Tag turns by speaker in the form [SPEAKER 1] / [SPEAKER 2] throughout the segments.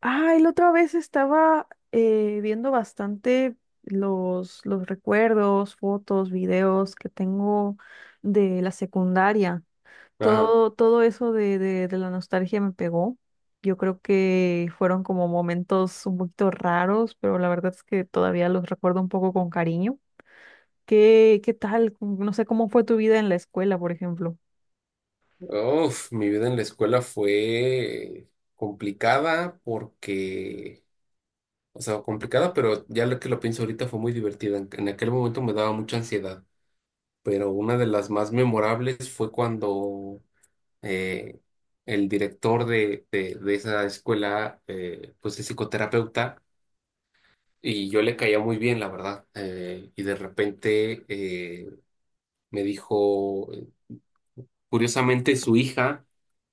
[SPEAKER 1] Ah, y la otra vez estaba viendo bastante los recuerdos, fotos, videos que tengo de la secundaria.
[SPEAKER 2] Ajá.
[SPEAKER 1] Todo eso de la nostalgia me pegó. Yo creo que fueron como momentos un poquito raros, pero la verdad es que todavía los recuerdo un poco con cariño. ¿Qué tal? No sé cómo fue tu vida en la escuela, por ejemplo.
[SPEAKER 2] Uf, mi vida en la escuela fue complicada porque, o sea, complicada, pero ya lo pienso ahorita fue muy divertida. En aquel momento me daba mucha ansiedad, pero una de las más memorables fue cuando eh, el director de esa escuela, pues es psicoterapeuta, y yo le caía muy bien, la verdad. Y de repente, me dijo. Curiosamente, su hija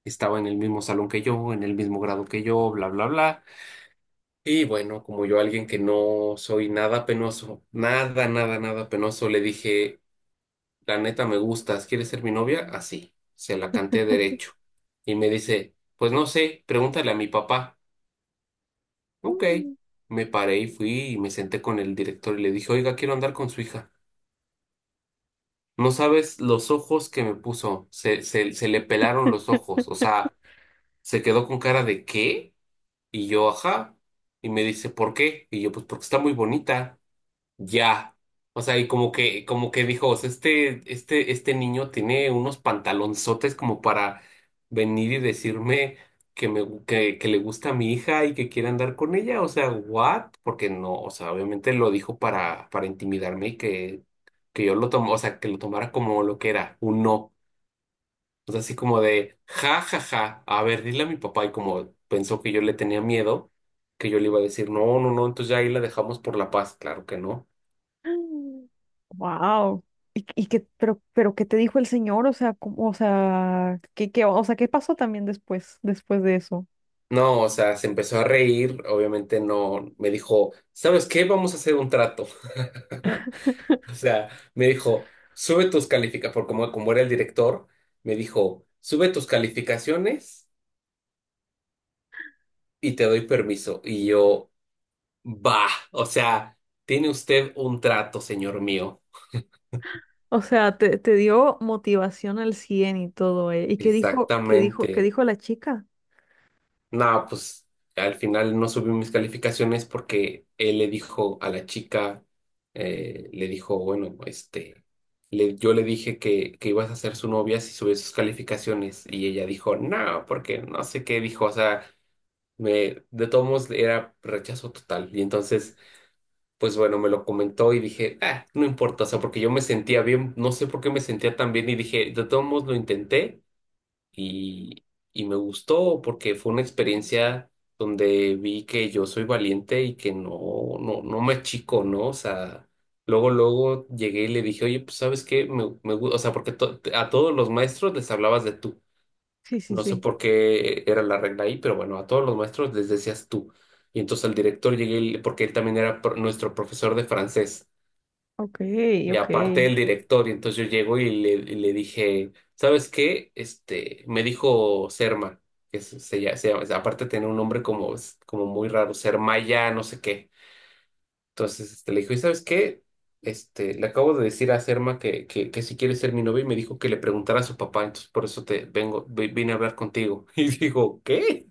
[SPEAKER 2] estaba en el mismo salón que yo, en el mismo grado que yo, bla, bla, bla. Y bueno, como yo, alguien que no soy nada penoso, nada, nada, nada penoso, le dije, la neta me gustas, ¿quieres ser mi novia? Así, se la canté derecho. Y me dice, pues no sé, pregúntale a mi papá. Ok,
[SPEAKER 1] Mm.
[SPEAKER 2] me paré y fui y me senté con el director y le dije, oiga, quiero andar con su hija. No sabes los ojos que me puso, se le pelaron los ojos, o sea, se quedó con cara de ¿qué? Y yo, ajá. Y me dice, ¿por qué? Y yo, pues porque está muy bonita. Ya. O sea, y como que dijo, o sea, este niño tiene unos pantalonzotes como para venir y decirme que me, gu- que le gusta a mi hija y que quiere andar con ella. O sea, ¿what? Porque no, o sea, obviamente lo dijo para intimidarme y que yo lo tomo, o sea, que lo tomara como lo que era, un no. O sea, así como de, ja, ja, ja, a ver, dile a mi papá, y como pensó que yo le tenía miedo, que yo le iba a decir, no, no, no, entonces ya ahí la dejamos por la paz, claro que no.
[SPEAKER 1] Wow. ¿Y pero qué te dijo el señor? O sea, qué pasó también después de eso?
[SPEAKER 2] No, o sea, se empezó a reír, obviamente no, me dijo, ¿sabes qué? Vamos a hacer un trato. O sea, me dijo, sube tus calificaciones, por como era el director, me dijo, sube tus calificaciones y te doy permiso. Y yo, va, o sea, tiene usted un trato, señor mío.
[SPEAKER 1] O sea, te dio motivación al 100 y todo, ¿eh? ¿Y qué
[SPEAKER 2] Exactamente.
[SPEAKER 1] dijo la chica?
[SPEAKER 2] No, pues al final no subí mis calificaciones porque él le dijo a la chica, le dijo, bueno, este, yo le dije que ibas a ser su novia si subes sus calificaciones, y ella dijo, no, porque no sé qué dijo, o sea, de todos modos era rechazo total. Y entonces, pues bueno, me lo comentó y dije, ah, no importa, o sea, porque yo me sentía bien, no sé por qué me sentía tan bien, y dije, de todos modos lo intenté y, y me gustó porque fue una experiencia donde vi que yo soy valiente y que no, no, no me achico, ¿no? O sea, luego, luego llegué y le dije, oye, pues ¿sabes qué? O sea, porque a todos los maestros les hablabas de tú.
[SPEAKER 1] Sí, sí,
[SPEAKER 2] No sé
[SPEAKER 1] sí.
[SPEAKER 2] por qué era la regla ahí, pero bueno, a todos los maestros les decías tú. Y entonces al director llegué, porque él también era nuestro profesor de francés.
[SPEAKER 1] Ok,
[SPEAKER 2] Y
[SPEAKER 1] ok,
[SPEAKER 2] aparte el director, y entonces yo llego y le dije, ¿sabes qué? Este, me dijo Serma, que es- se llama- aparte tenía un nombre como muy raro, Sermaya, no sé qué. Entonces este, le dijo, ¿y sabes qué? Este, le acabo de decir a Serma que si quiere ser mi novia, y me dijo que le preguntara a su papá, entonces por eso te vengo, vine a hablar contigo. Y digo, ¿qué?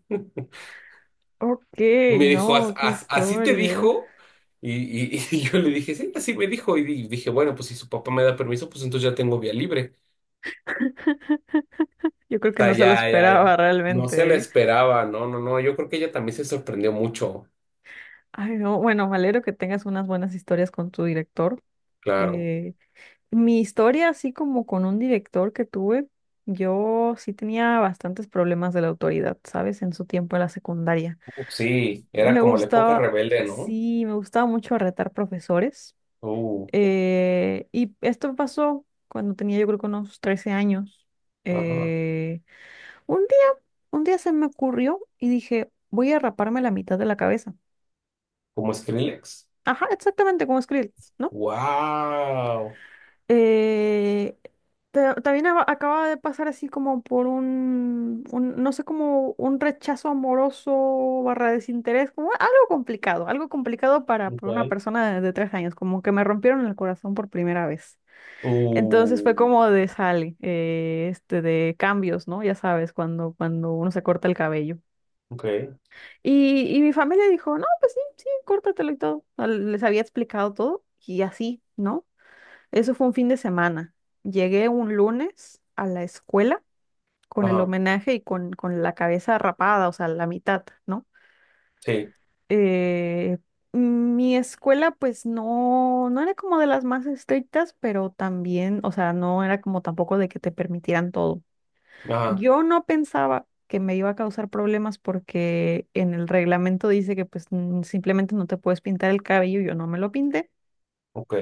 [SPEAKER 1] ok,
[SPEAKER 2] Y me dijo,
[SPEAKER 1] no, qué
[SPEAKER 2] ¿Así te
[SPEAKER 1] historia.
[SPEAKER 2] dijo?" Y yo le dije, sí, así me dijo. Y dije, bueno, pues si su papá me da permiso, pues entonces ya tengo vía libre.
[SPEAKER 1] Yo creo
[SPEAKER 2] O
[SPEAKER 1] que
[SPEAKER 2] sea,
[SPEAKER 1] no se lo
[SPEAKER 2] ya, ya,
[SPEAKER 1] esperaba
[SPEAKER 2] ya. No se la
[SPEAKER 1] realmente, ¿eh?
[SPEAKER 2] esperaba, no, no, no. Yo creo que ella también se sorprendió mucho,
[SPEAKER 1] Ay, no, bueno, me alegro que tengas unas buenas historias con tu director.
[SPEAKER 2] claro.
[SPEAKER 1] Eh Mi historia, así como con un director que tuve, yo sí tenía bastantes problemas de la autoridad, ¿sabes? En su tiempo en la secundaria.
[SPEAKER 2] Sí, era
[SPEAKER 1] Me
[SPEAKER 2] como la época
[SPEAKER 1] gustaba,
[SPEAKER 2] rebelde, ¿no?
[SPEAKER 1] sí, me gustaba mucho retar profesores.
[SPEAKER 2] Uh,
[SPEAKER 1] Y esto pasó cuando tenía yo creo que unos 13 años.
[SPEAKER 2] ajá.
[SPEAKER 1] Eh, un día, un día se me ocurrió y dije, voy a raparme la mitad de la cabeza.
[SPEAKER 2] Como Skrillex.
[SPEAKER 1] Ajá, exactamente como Skrillex, no.
[SPEAKER 2] Wow.
[SPEAKER 1] Eh, Acaba de pasar así como por un, no sé, como un rechazo amoroso barra desinterés, como algo complicado para una
[SPEAKER 2] Okay.
[SPEAKER 1] persona de tres años, como que me rompieron el corazón por primera vez. Entonces
[SPEAKER 2] Uh,
[SPEAKER 1] fue como de sale, de cambios, ¿no? Ya sabes, cuando uno se corta el cabello.
[SPEAKER 2] ok.
[SPEAKER 1] Y mi familia dijo, no, pues sí, sí, córtatelo y todo. O sea, les había explicado todo y así, ¿no? Eso fue un fin de semana. Llegué un lunes a la escuela con el
[SPEAKER 2] Ajá.
[SPEAKER 1] homenaje y con la cabeza rapada, o sea, la mitad, ¿no?
[SPEAKER 2] Sí.
[SPEAKER 1] Eh, mi escuela, pues no era como de las más estrictas, pero también, o sea, no era como tampoco de que te permitieran todo.
[SPEAKER 2] Ajá.
[SPEAKER 1] Yo no pensaba que me iba a causar problemas porque en el reglamento dice que pues simplemente no te puedes pintar el cabello, yo no me lo pinté.
[SPEAKER 2] Ok.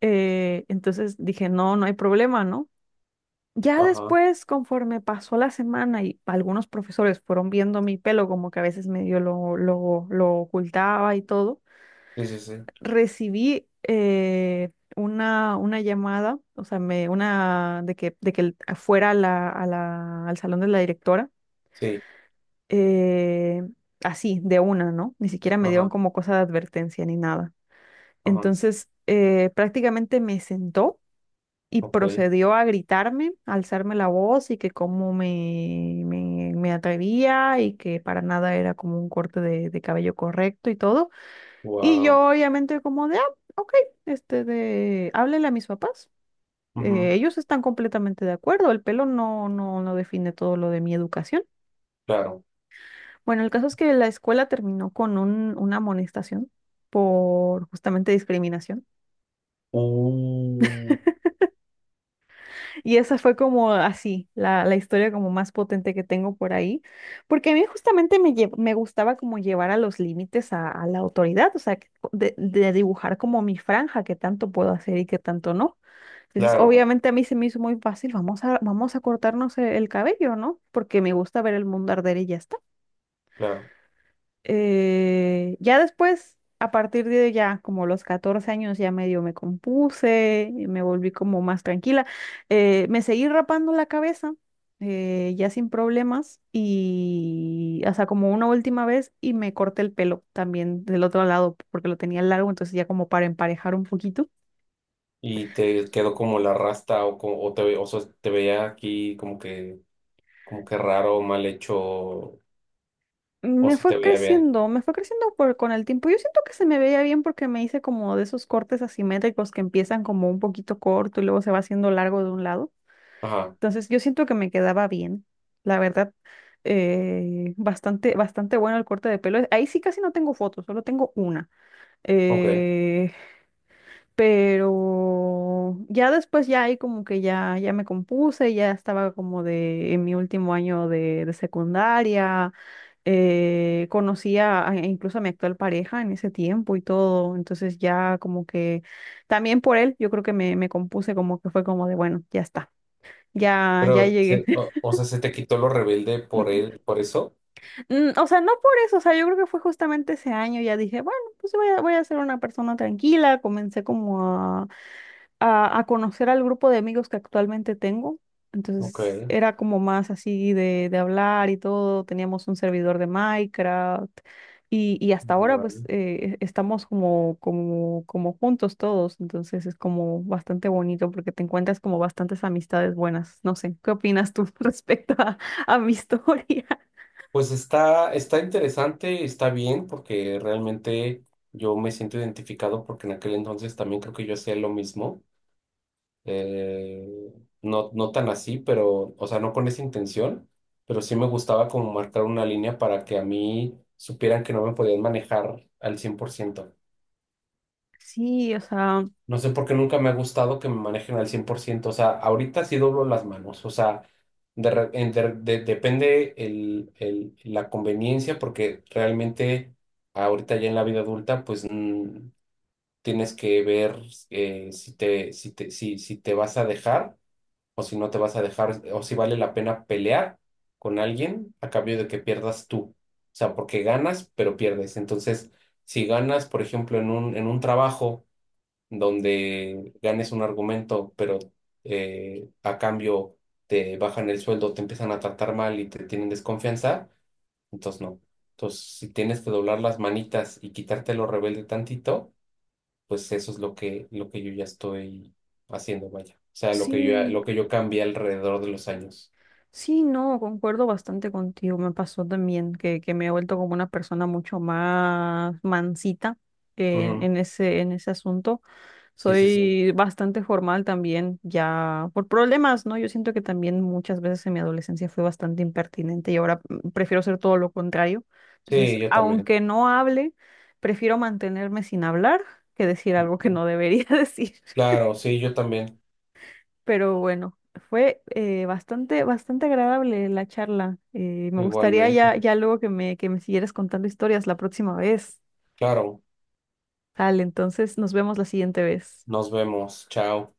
[SPEAKER 1] Entonces dije, no, no hay problema, ¿no? Ya
[SPEAKER 2] Ajá.
[SPEAKER 1] después, conforme pasó la semana y algunos profesores fueron viendo mi pelo, como que a veces medio lo ocultaba y todo,
[SPEAKER 2] Sí, sí, sí.
[SPEAKER 1] recibí una llamada, o sea, me, una de que fuera a al salón de la directora,
[SPEAKER 2] Sí.
[SPEAKER 1] eh, así, de una, ¿no? Ni siquiera me dieron
[SPEAKER 2] Ajá.
[SPEAKER 1] como cosa de advertencia ni nada.
[SPEAKER 2] Ajá.
[SPEAKER 1] Entonces, prácticamente me sentó y
[SPEAKER 2] Ok.
[SPEAKER 1] procedió a gritarme, a alzarme la voz y que cómo me atrevía y que para nada era como un corte de cabello correcto y todo. Y
[SPEAKER 2] Wow.
[SPEAKER 1] yo obviamente como de, ah, ok, háblele a mis papás.
[SPEAKER 2] Ujú.
[SPEAKER 1] Ellos están completamente de acuerdo, el pelo no define todo lo de mi educación.
[SPEAKER 2] Claro.
[SPEAKER 1] Bueno, el caso es que la escuela terminó con una amonestación por justamente discriminación.
[SPEAKER 2] Uh,
[SPEAKER 1] Y esa fue como así, la historia como más potente que tengo por ahí, porque a mí justamente me gustaba como llevar a los límites a la autoridad, o sea, de dibujar como mi franja, que tanto puedo hacer y que tanto no. Entonces,
[SPEAKER 2] claro,
[SPEAKER 1] obviamente a mí se me hizo muy fácil, vamos a cortarnos el cabello, ¿no? Porque me gusta ver el mundo arder y ya está.
[SPEAKER 2] claro.
[SPEAKER 1] Ya después, a partir de ya como los 14 años, ya medio me compuse, y me volví como más tranquila. Me seguí rapando la cabeza, ya sin problemas, y hasta como una última vez, y me corté el pelo también del otro lado, porque lo tenía largo, entonces ya como para emparejar un poquito.
[SPEAKER 2] ¿Y te quedó como la rasta o, o sea, te veía aquí como que, raro, mal hecho, o se te veía bien?
[SPEAKER 1] Me fue creciendo con el tiempo. Yo siento que se me veía bien porque me hice como de esos cortes asimétricos que empiezan como un poquito corto y luego se va haciendo largo de un lado.
[SPEAKER 2] Ajá,
[SPEAKER 1] Entonces yo siento que me quedaba bien, la verdad, bastante, bastante bueno el corte de pelo. Ahí sí casi no tengo fotos, solo tengo una.
[SPEAKER 2] ok.
[SPEAKER 1] Eh, pero ya después ya ahí como que ya me compuse, ya estaba como de en mi último año de secundaria, conocía incluso a mi actual pareja en ese tiempo y todo. Entonces ya como que también por él yo creo que me compuse, como que fue como de bueno, ya está, ya
[SPEAKER 2] Pero,
[SPEAKER 1] llegué.
[SPEAKER 2] o sea, se te quitó lo rebelde por él, por eso.
[SPEAKER 1] Mm, o sea, no por eso, o sea, yo creo que fue justamente ese año, ya dije, bueno, pues voy a ser una persona tranquila, comencé como a conocer al grupo de amigos que actualmente tengo,
[SPEAKER 2] Ok.
[SPEAKER 1] entonces era como más así de hablar y todo, teníamos un servidor de Minecraft y hasta ahora pues
[SPEAKER 2] Vale.
[SPEAKER 1] estamos como juntos todos, entonces es como bastante bonito porque te encuentras como bastantes amistades buenas, no sé, ¿qué opinas tú respecto a mi historia?
[SPEAKER 2] Pues está interesante, está bien, porque realmente yo me siento identificado porque en aquel entonces también creo que yo hacía lo mismo. eh, no, no tan así, pero, o sea, no con esa intención, pero sí me gustaba como marcar una línea para que a mí supieran que no me podían manejar al 100%.
[SPEAKER 1] Sí, o sea...
[SPEAKER 2] No sé por qué nunca me ha gustado que me manejen al 100%, o sea, ahorita sí doblo las manos, o sea, de re- en- de- depende la conveniencia, porque realmente ahorita ya en la vida adulta, pues tienes que ver si te, si te vas a dejar, o si no te vas a dejar, o si vale la pena pelear con alguien a cambio de que pierdas tú. O sea, porque ganas, pero pierdes. Entonces, si ganas, por ejemplo, en un trabajo donde ganes un argumento, pero a cambio te bajan el sueldo, te empiezan a tratar mal y te tienen desconfianza, entonces no. Entonces, si tienes que doblar las manitas y quitarte lo rebelde tantito, pues eso es lo que yo ya estoy haciendo, vaya. O sea,
[SPEAKER 1] Sí,
[SPEAKER 2] lo que yo cambié alrededor de los años.
[SPEAKER 1] sí, no, concuerdo bastante contigo. Me pasó también que me he vuelto como una persona mucho más mansita
[SPEAKER 2] Ujú.
[SPEAKER 1] en en ese asunto.
[SPEAKER 2] Sí, sí, sí.
[SPEAKER 1] Soy bastante formal también, ya por problemas, ¿no? Yo siento que también muchas veces en mi adolescencia fui bastante impertinente y ahora mm, prefiero ser todo lo contrario. Entonces,
[SPEAKER 2] Sí, yo también.
[SPEAKER 1] aunque no hable, prefiero mantenerme sin hablar que decir algo que
[SPEAKER 2] Ujú.
[SPEAKER 1] no debería decir.
[SPEAKER 2] Claro, sí, yo también.
[SPEAKER 1] Pero bueno, fue bastante, bastante agradable la charla. Me gustaría
[SPEAKER 2] Igualmente.
[SPEAKER 1] ya luego que que me siguieras contando historias la próxima vez.
[SPEAKER 2] Claro,
[SPEAKER 1] Tal, entonces nos vemos la siguiente vez.
[SPEAKER 2] nos vemos. Chao.